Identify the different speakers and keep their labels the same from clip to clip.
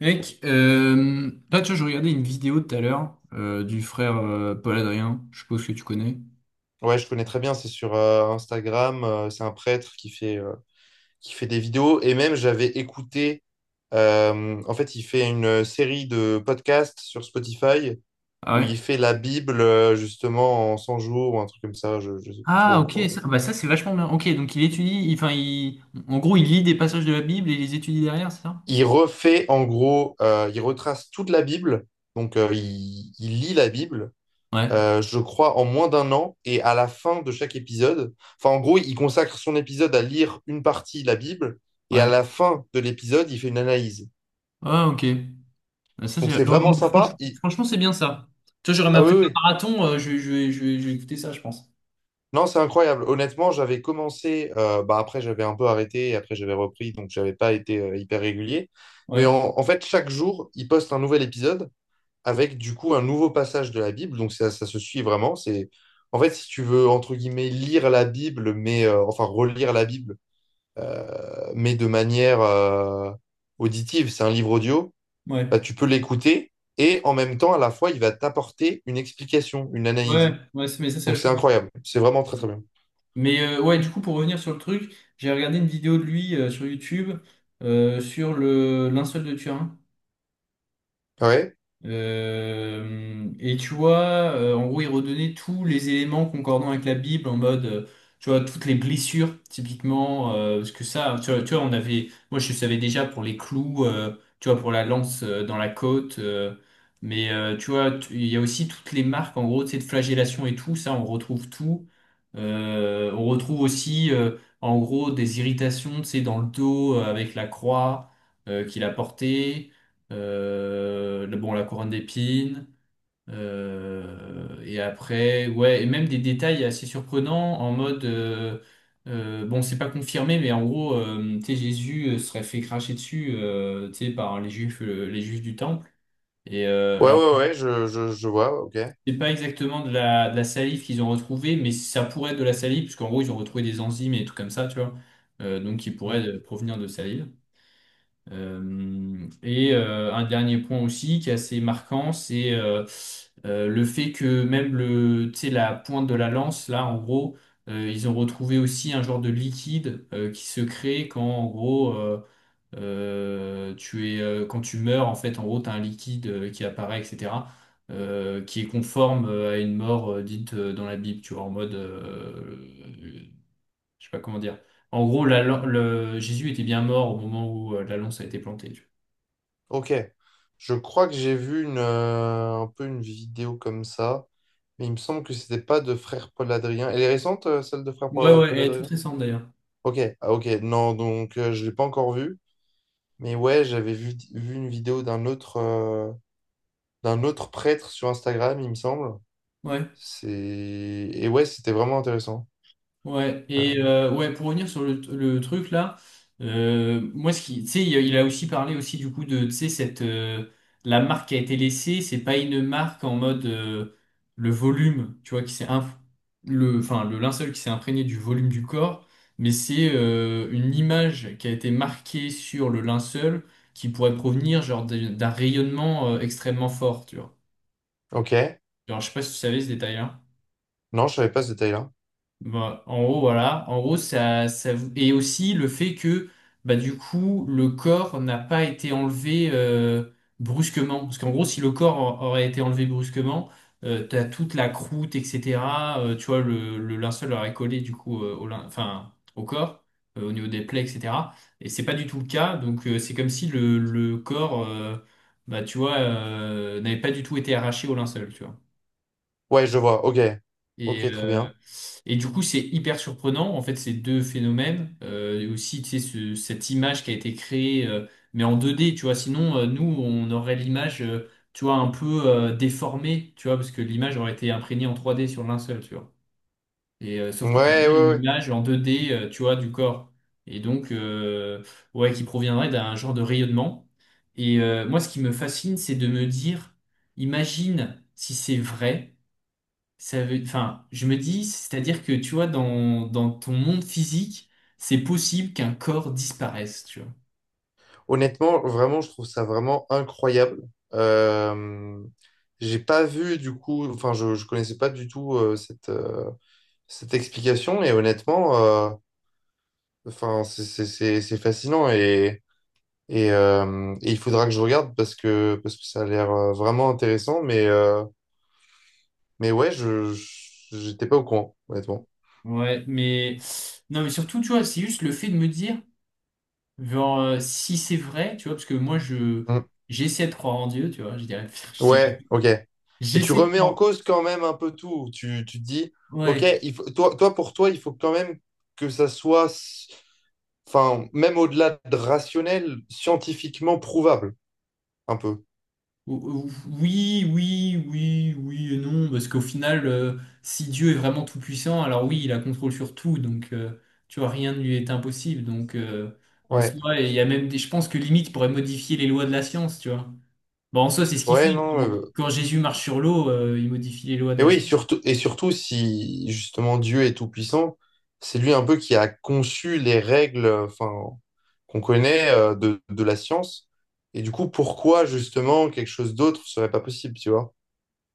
Speaker 1: Mec, là, tu vois, je regardais une vidéo tout à l'heure du frère Paul Adrien. Je suppose que tu connais.
Speaker 2: Ouais, je connais très bien, c'est sur Instagram, c'est un prêtre qui fait des vidéos. Et même, j'avais écouté, en fait, il fait une série de podcasts sur Spotify
Speaker 1: Ah
Speaker 2: où il
Speaker 1: ouais?
Speaker 2: fait la Bible, justement, en 100 jours ou un truc comme ça, je ne sais plus
Speaker 1: Ah,
Speaker 2: trop.
Speaker 1: ok,
Speaker 2: quoi.
Speaker 1: ça, c'est vachement bien. Ok, donc il étudie, enfin, il, en gros, il lit des passages de la Bible et il les étudie derrière, c'est ça?
Speaker 2: Il refait, en gros, il retrace toute la Bible. Donc, il lit la Bible
Speaker 1: Ouais,
Speaker 2: je crois, en moins d'un an. Et à la fin de chaque épisode, enfin, en gros, il consacre son épisode à lire une partie de la Bible. Et à
Speaker 1: ouais.
Speaker 2: la fin de l'épisode, il fait une analyse.
Speaker 1: Ah, ok. Bah, ça,
Speaker 2: Donc,
Speaker 1: c'est-
Speaker 2: c'est
Speaker 1: oh,
Speaker 2: vraiment
Speaker 1: oh, franch-
Speaker 2: sympa.
Speaker 1: franchement, c'est bien ça. Tu vois, j'aurais
Speaker 2: Ah
Speaker 1: ma
Speaker 2: oui,
Speaker 1: prépa
Speaker 2: oui.
Speaker 1: marathon, je vais écouter ça, je pense.
Speaker 2: Non, c'est incroyable. Honnêtement, j'avais commencé, bah, après, j'avais un peu arrêté. Après, j'avais repris. Donc, j'avais pas été hyper régulier. Mais
Speaker 1: Ouais,
Speaker 2: en fait, chaque jour, il poste un nouvel épisode avec, du coup, un nouveau passage de la Bible. Donc, ça se suit vraiment. C'est. En fait, si tu veux, entre guillemets, lire la Bible, mais enfin relire la Bible, mais de manière auditive. C'est un livre audio,
Speaker 1: ouais.
Speaker 2: bah, tu peux l'écouter et en même temps, à la fois, il va t'apporter une explication, une analyse.
Speaker 1: Mais ça, c'est
Speaker 2: Donc c'est
Speaker 1: vachement bien.
Speaker 2: incroyable, c'est vraiment très très bien.
Speaker 1: Mais ouais, du coup, pour revenir sur le truc, j'ai regardé une vidéo de lui sur YouTube sur le linceul de Turin.
Speaker 2: Ah ouais,
Speaker 1: Et tu vois, en gros, il redonnait tous les éléments concordants avec la Bible en mode, tu vois, toutes les blessures, typiquement, parce que ça, tu vois, on avait, moi je savais déjà pour les clous, tu vois, pour la lance dans la côte, tu vois, il y a aussi toutes les marques, en gros, tu sais, de flagellation et tout, ça, on retrouve tout. On retrouve aussi, en gros, des irritations, tu sais, dans le dos avec la croix qu'il a portée, bon, la couronne d'épines, et après, ouais, et même des détails assez surprenants en mode, bon, c'est pas confirmé, mais en gros, tu sais, Jésus serait fait cracher dessus, tu sais, par les juifs du temple. Et
Speaker 2: ouais,
Speaker 1: alors,
Speaker 2: ouais, ouais, je vois, ok.
Speaker 1: c'est pas exactement de la salive qu'ils ont retrouvée, mais ça pourrait être de la salive, puisqu'en gros, ils ont retrouvé des enzymes et des trucs comme ça, tu vois, donc qui
Speaker 2: Mm.
Speaker 1: pourraient provenir de salive. Euh, un dernier point aussi qui est assez marquant, c'est le fait que même le, tu sais, la pointe de la lance, là, en gros, ils ont retrouvé aussi un genre de liquide qui se crée quand, en gros, tu es, quand tu meurs, en fait, en gros, tu as un liquide qui apparaît, etc., qui est conforme à une mort dite dans la Bible, tu vois, en mode, je sais pas comment dire. En gros, Jésus était bien mort au moment où la lance a été plantée, tu vois.
Speaker 2: Ok, je crois que j'ai vu une, un peu une vidéo comme ça, mais il me semble que c'était pas de Frère Paul Adrien. Elle est récente, celle de Frère
Speaker 1: Ouais,
Speaker 2: Paul euh,
Speaker 1: ouais, elle
Speaker 2: Paul
Speaker 1: est toute
Speaker 2: Adrien?
Speaker 1: récente d'ailleurs.
Speaker 2: Ok, ah, ok, non, donc je l'ai pas encore vue, mais ouais, j'avais vu une vidéo d'un autre, d'un autre prêtre sur Instagram, il me semble.
Speaker 1: Ouais,
Speaker 2: C'est... Et ouais, c'était vraiment intéressant.
Speaker 1: ouais. Et
Speaker 2: Euh,
Speaker 1: ouais, pour revenir sur le truc là, moi, ce qui, tu sais, il a aussi parlé aussi du coup de, tu sais, cette, la marque qui a été laissée, c'est pas une marque en mode le volume, tu vois, qui s'est inf- le, enfin, le linceul qui s'est imprégné du volume du corps, mais c'est une image qui a été marquée sur le linceul qui pourrait provenir genre d'un rayonnement extrêmement fort, tu vois.
Speaker 2: ok.
Speaker 1: Genre, je sais pas si tu savais ce détail-là.
Speaker 2: Non, je savais pas ce détail-là.
Speaker 1: Bah, en gros, voilà. En gros, Et aussi le fait que, bah, du coup, le corps n'a pas été enlevé brusquement. Parce qu'en gros, si le corps aurait été enlevé brusquement, t'as toute la croûte, etc., tu vois, le linceul aurait collé, du coup, enfin, au corps, au niveau des plaies, etc. Et c'est pas du tout le cas. Donc, c'est comme si le corps, bah, tu vois, n'avait pas du tout été arraché au linceul, tu vois.
Speaker 2: Ouais, je vois. Ok.
Speaker 1: Et,
Speaker 2: Ok, très
Speaker 1: euh,
Speaker 2: bien.
Speaker 1: et du coup, c'est hyper surprenant, en fait, ces deux phénomènes. Et aussi, tu sais, cette image qui a été créée, mais en 2D, tu vois. Sinon, nous, on aurait l'image, tu vois, un peu déformée, tu vois, parce que l'image aurait été imprégnée en 3D sur le linceul, tu vois. Et sauf
Speaker 2: Ouais,
Speaker 1: qu'on a
Speaker 2: ouais,
Speaker 1: vu une
Speaker 2: ouais.
Speaker 1: image en 2D, tu vois, du corps. Et donc, ouais, qui proviendrait d'un genre de rayonnement. Et moi, ce qui me fascine, c'est de me dire, imagine si c'est vrai. Ça veut, enfin, je me dis, c'est-à-dire que tu vois, dans ton monde physique, c'est possible qu'un corps disparaisse, tu vois.
Speaker 2: Honnêtement, vraiment, je trouve ça vraiment incroyable. Euh, j'ai pas vu du coup, enfin, je connaissais pas du tout cette, cette explication et honnêtement, enfin, c'est fascinant et il faudra que je regarde parce que ça a l'air vraiment intéressant, mais ouais, j'étais pas au courant, honnêtement.
Speaker 1: Ouais, mais non, mais surtout, tu vois, c'est juste le fait de me dire, genre, si c'est vrai, tu vois, parce que moi, je
Speaker 2: Mm.
Speaker 1: j'essaie de croire en Dieu, tu vois, je dirais, je dirais-
Speaker 2: Ouais, ok. Et tu
Speaker 1: j'essaie de
Speaker 2: remets en
Speaker 1: croire,
Speaker 2: cause quand même un peu tout. Tu te dis, ok,
Speaker 1: ouais,
Speaker 2: il faut, toi, pour toi, il faut quand même que ça soit, enfin, même au-delà de rationnel, scientifiquement prouvable, un peu.
Speaker 1: O- o- oui, oui, oui, oui et non, parce qu'au final, si Dieu est vraiment tout-puissant, alors oui, il a contrôle sur tout, donc tu vois, rien ne lui est impossible. Donc en
Speaker 2: Ouais.
Speaker 1: soi, il y a même je pense que limite, il pourrait modifier les lois de la science, tu vois. Bon, en soi, c'est ce qu'il
Speaker 2: Ouais,
Speaker 1: fait.
Speaker 2: non.
Speaker 1: Quand,
Speaker 2: euh,
Speaker 1: quand Jésus marche sur l'eau, il modifie les lois de
Speaker 2: Et
Speaker 1: la
Speaker 2: oui,
Speaker 1: science.
Speaker 2: surtout, et surtout si justement Dieu est tout-puissant, c'est lui un peu qui a conçu les règles enfin, qu'on connaît de la science. Et du coup, pourquoi justement quelque chose d'autre serait pas possible, tu vois?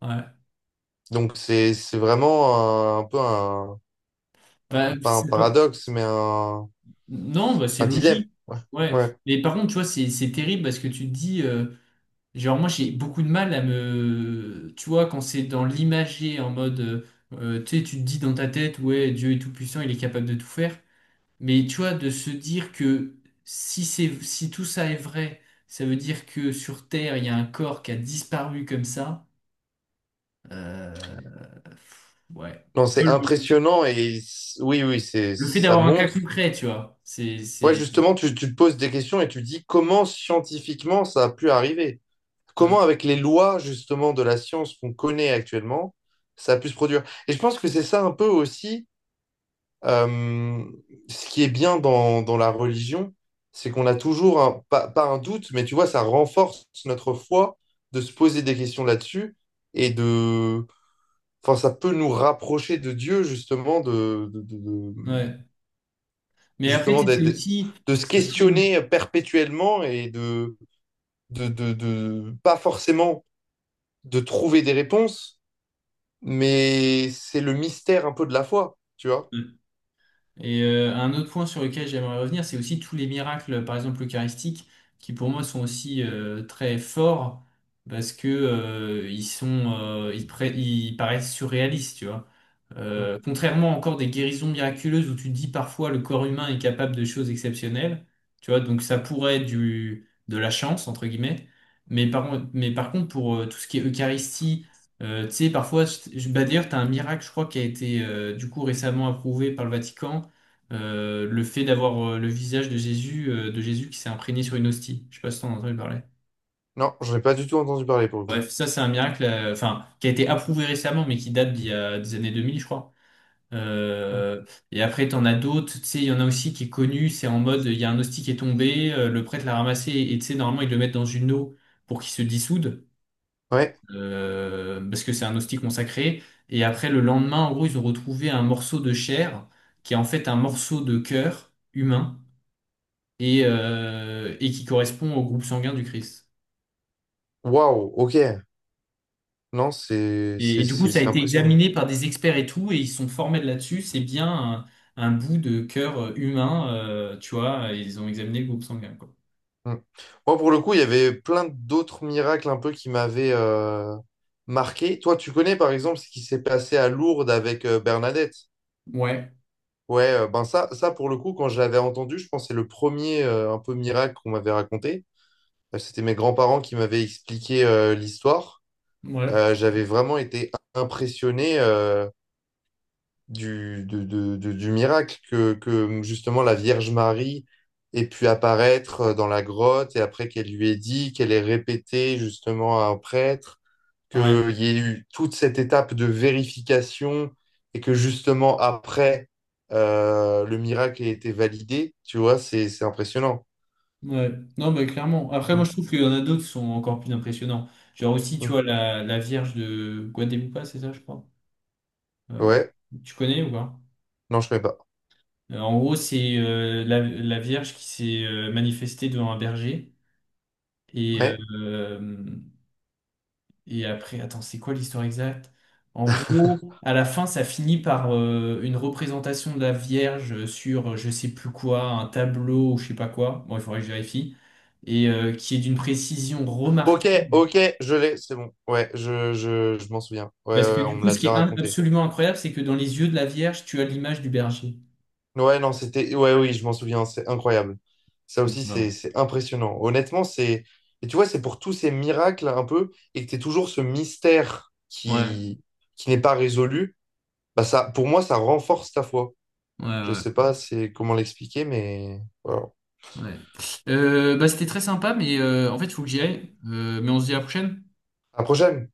Speaker 1: Ouais.
Speaker 2: Donc c'est vraiment un peu un,
Speaker 1: Bah,
Speaker 2: pas un
Speaker 1: c'est pas-
Speaker 2: paradoxe, mais
Speaker 1: Non, bah, c'est
Speaker 2: un dilemme.
Speaker 1: logique.
Speaker 2: Ouais.
Speaker 1: Ouais.
Speaker 2: Ouais.
Speaker 1: Mais par contre, tu vois, c'est terrible parce que tu te dis. Genre, moi, j'ai beaucoup de mal à me. Tu vois, quand c'est dans l'imager, en mode. Tu sais, tu te dis dans ta tête, ouais, Dieu est tout-puissant, il est capable de tout faire. Mais tu vois, de se dire que si c'est, si tout ça est vrai, ça veut dire que sur Terre, il y a un corps qui a disparu comme ça. euh, ouais.
Speaker 2: Non, c'est
Speaker 1: Le,
Speaker 2: impressionnant oui, oui, c'est
Speaker 1: le fait
Speaker 2: ça
Speaker 1: d'avoir un cas
Speaker 2: montre.
Speaker 1: concret, tu vois,
Speaker 2: Ouais, justement, tu te poses des questions et tu dis comment scientifiquement ça a pu arriver.
Speaker 1: ouais.
Speaker 2: Comment avec les lois justement de la science qu'on connaît actuellement, ça a pu se produire. Et je pense que c'est ça un peu aussi euh, ce qui est bien dans la religion, c'est qu'on a toujours, pas, pas un doute, mais tu vois, ça renforce notre foi de se poser des questions là-dessus et de... Enfin, ça peut nous rapprocher de Dieu justement,
Speaker 1: ouais. Mais après,
Speaker 2: justement
Speaker 1: tu sais, c'est aussi.
Speaker 2: de se
Speaker 1: Tout
Speaker 2: questionner perpétuellement et pas forcément de trouver des réponses, mais c'est le mystère un peu de la foi, tu vois.
Speaker 1: euh, Et Un autre point sur lequel j'aimerais revenir, c'est aussi tous les miracles, par exemple eucharistiques, qui pour moi sont aussi très forts parce que ils sont, ils paraissent surréalistes, tu vois.
Speaker 2: Mm.
Speaker 1: Contrairement encore des guérisons miraculeuses où tu te dis parfois le corps humain est capable de choses exceptionnelles, tu vois. Donc ça pourrait être du de la chance entre guillemets, mais par contre pour tout ce qui est Eucharistie, tu sais, parfois, bah d'ailleurs, tu as un miracle, je crois, qui a été du coup récemment approuvé par le Vatican, le fait d'avoir le visage de Jésus qui s'est imprégné sur une hostie. Je sais pas si t'en as entendu parler.
Speaker 2: Non, j'en ai pas du tout entendu parler pour le coup.
Speaker 1: Bref, ça c'est un miracle, enfin, qui a été approuvé récemment, mais qui date d'il y a des années 2000, je crois.
Speaker 2: Mm.
Speaker 1: Euh, et après, t'en as d'autres, tu sais, il y en a aussi qui est connu, c'est en mode, il y a un hostie qui est tombé, le prêtre l'a ramassé, et tu sais, normalement, ils le mettent dans une eau pour qu'il se dissoude,
Speaker 2: Ouais,
Speaker 1: parce que c'est un hostie consacré. Et après, le lendemain, en gros, ils ont retrouvé un morceau de chair, qui est en fait un morceau de cœur humain et, et qui correspond au groupe sanguin du Christ.
Speaker 2: waouh, ok. Non, c'est
Speaker 1: Et
Speaker 2: c'est
Speaker 1: du coup,
Speaker 2: c'est-
Speaker 1: ça a
Speaker 2: c'est
Speaker 1: été
Speaker 2: impressionnant.
Speaker 1: examiné par des experts et tout, et ils se sont formés de là-dessus. C'est bien un bout de cœur humain, tu vois, et ils ont examiné le groupe sanguin, quoi.
Speaker 2: Mm. Moi, pour le coup, il y avait plein d'autres miracles un peu qui m'avaient marqué. Toi, tu connais par exemple ce qui s'est passé à Lourdes avec Bernadette?
Speaker 1: Ouais,
Speaker 2: Ouais, ben ça pour le coup, quand je l'avais entendu, je pense que c'est le premier un peu miracle qu'on m'avait raconté. C'était mes grands-parents qui m'avaient expliqué l'histoire.
Speaker 1: ouais,
Speaker 2: J'avais vraiment été impressionné du, de- du miracle que justement la Vierge Marie ait pu apparaître dans la grotte et après qu'elle lui ait dit, qu'elle ait répété justement à un prêtre,
Speaker 1: ouais,
Speaker 2: qu'il y ait eu toute cette étape de vérification et que justement après le miracle ait été validé, tu vois, c'est impressionnant.
Speaker 1: ouais. Non, mais clairement. Après, moi,
Speaker 2: Mm,
Speaker 1: je trouve qu'il y en a d'autres qui sont encore plus impressionnants. Genre aussi, tu vois,
Speaker 2: mm.
Speaker 1: la Vierge de Guadalupe, c'est ça, je crois. Euh,
Speaker 2: Ouais,
Speaker 1: Tu connais ou pas?
Speaker 2: non, je ne connais pas.
Speaker 1: En gros, c'est la Vierge qui s'est manifestée devant un berger. Et,
Speaker 2: Ouais.
Speaker 1: euh, Et après, attends, c'est quoi l'histoire exacte? En gros, à la fin, ça finit par une représentation de la Vierge sur je sais plus quoi, un tableau ou je sais pas quoi. Bon, il faudrait que je vérifie. Et qui est d'une précision
Speaker 2: Ok,
Speaker 1: remarquable.
Speaker 2: ok, je l'ai, c'est bon. Ouais, je m'en souviens. Ouais, ouais,
Speaker 1: Parce que
Speaker 2: ouais, on
Speaker 1: du
Speaker 2: me
Speaker 1: coup,
Speaker 2: l'a
Speaker 1: ce qui
Speaker 2: déjà
Speaker 1: est in-
Speaker 2: raconté.
Speaker 1: absolument incroyable, c'est que dans les yeux de la Vierge, tu as l'image du berger.
Speaker 2: Ouais, non, c'était. Ouais, oui, je m'en souviens, c'est incroyable. Ça
Speaker 1: Donc,
Speaker 2: aussi, c'est
Speaker 1: non.
Speaker 2: c'est impressionnant. Honnêtement, c'est. Et tu vois, c'est pour tous ces miracles un peu, et que tu toujours ce mystère
Speaker 1: Ouais,
Speaker 2: qui n'est pas résolu. Bah ça, pour moi, ça renforce ta foi.
Speaker 1: ouais,
Speaker 2: Je
Speaker 1: ouais,
Speaker 2: sais pas c'est comment l'expliquer, mais voilà.
Speaker 1: ouais. Bah, c'était très sympa, mais en fait, il faut que j'y aille. Mais on se dit à la prochaine.
Speaker 2: À la prochaine!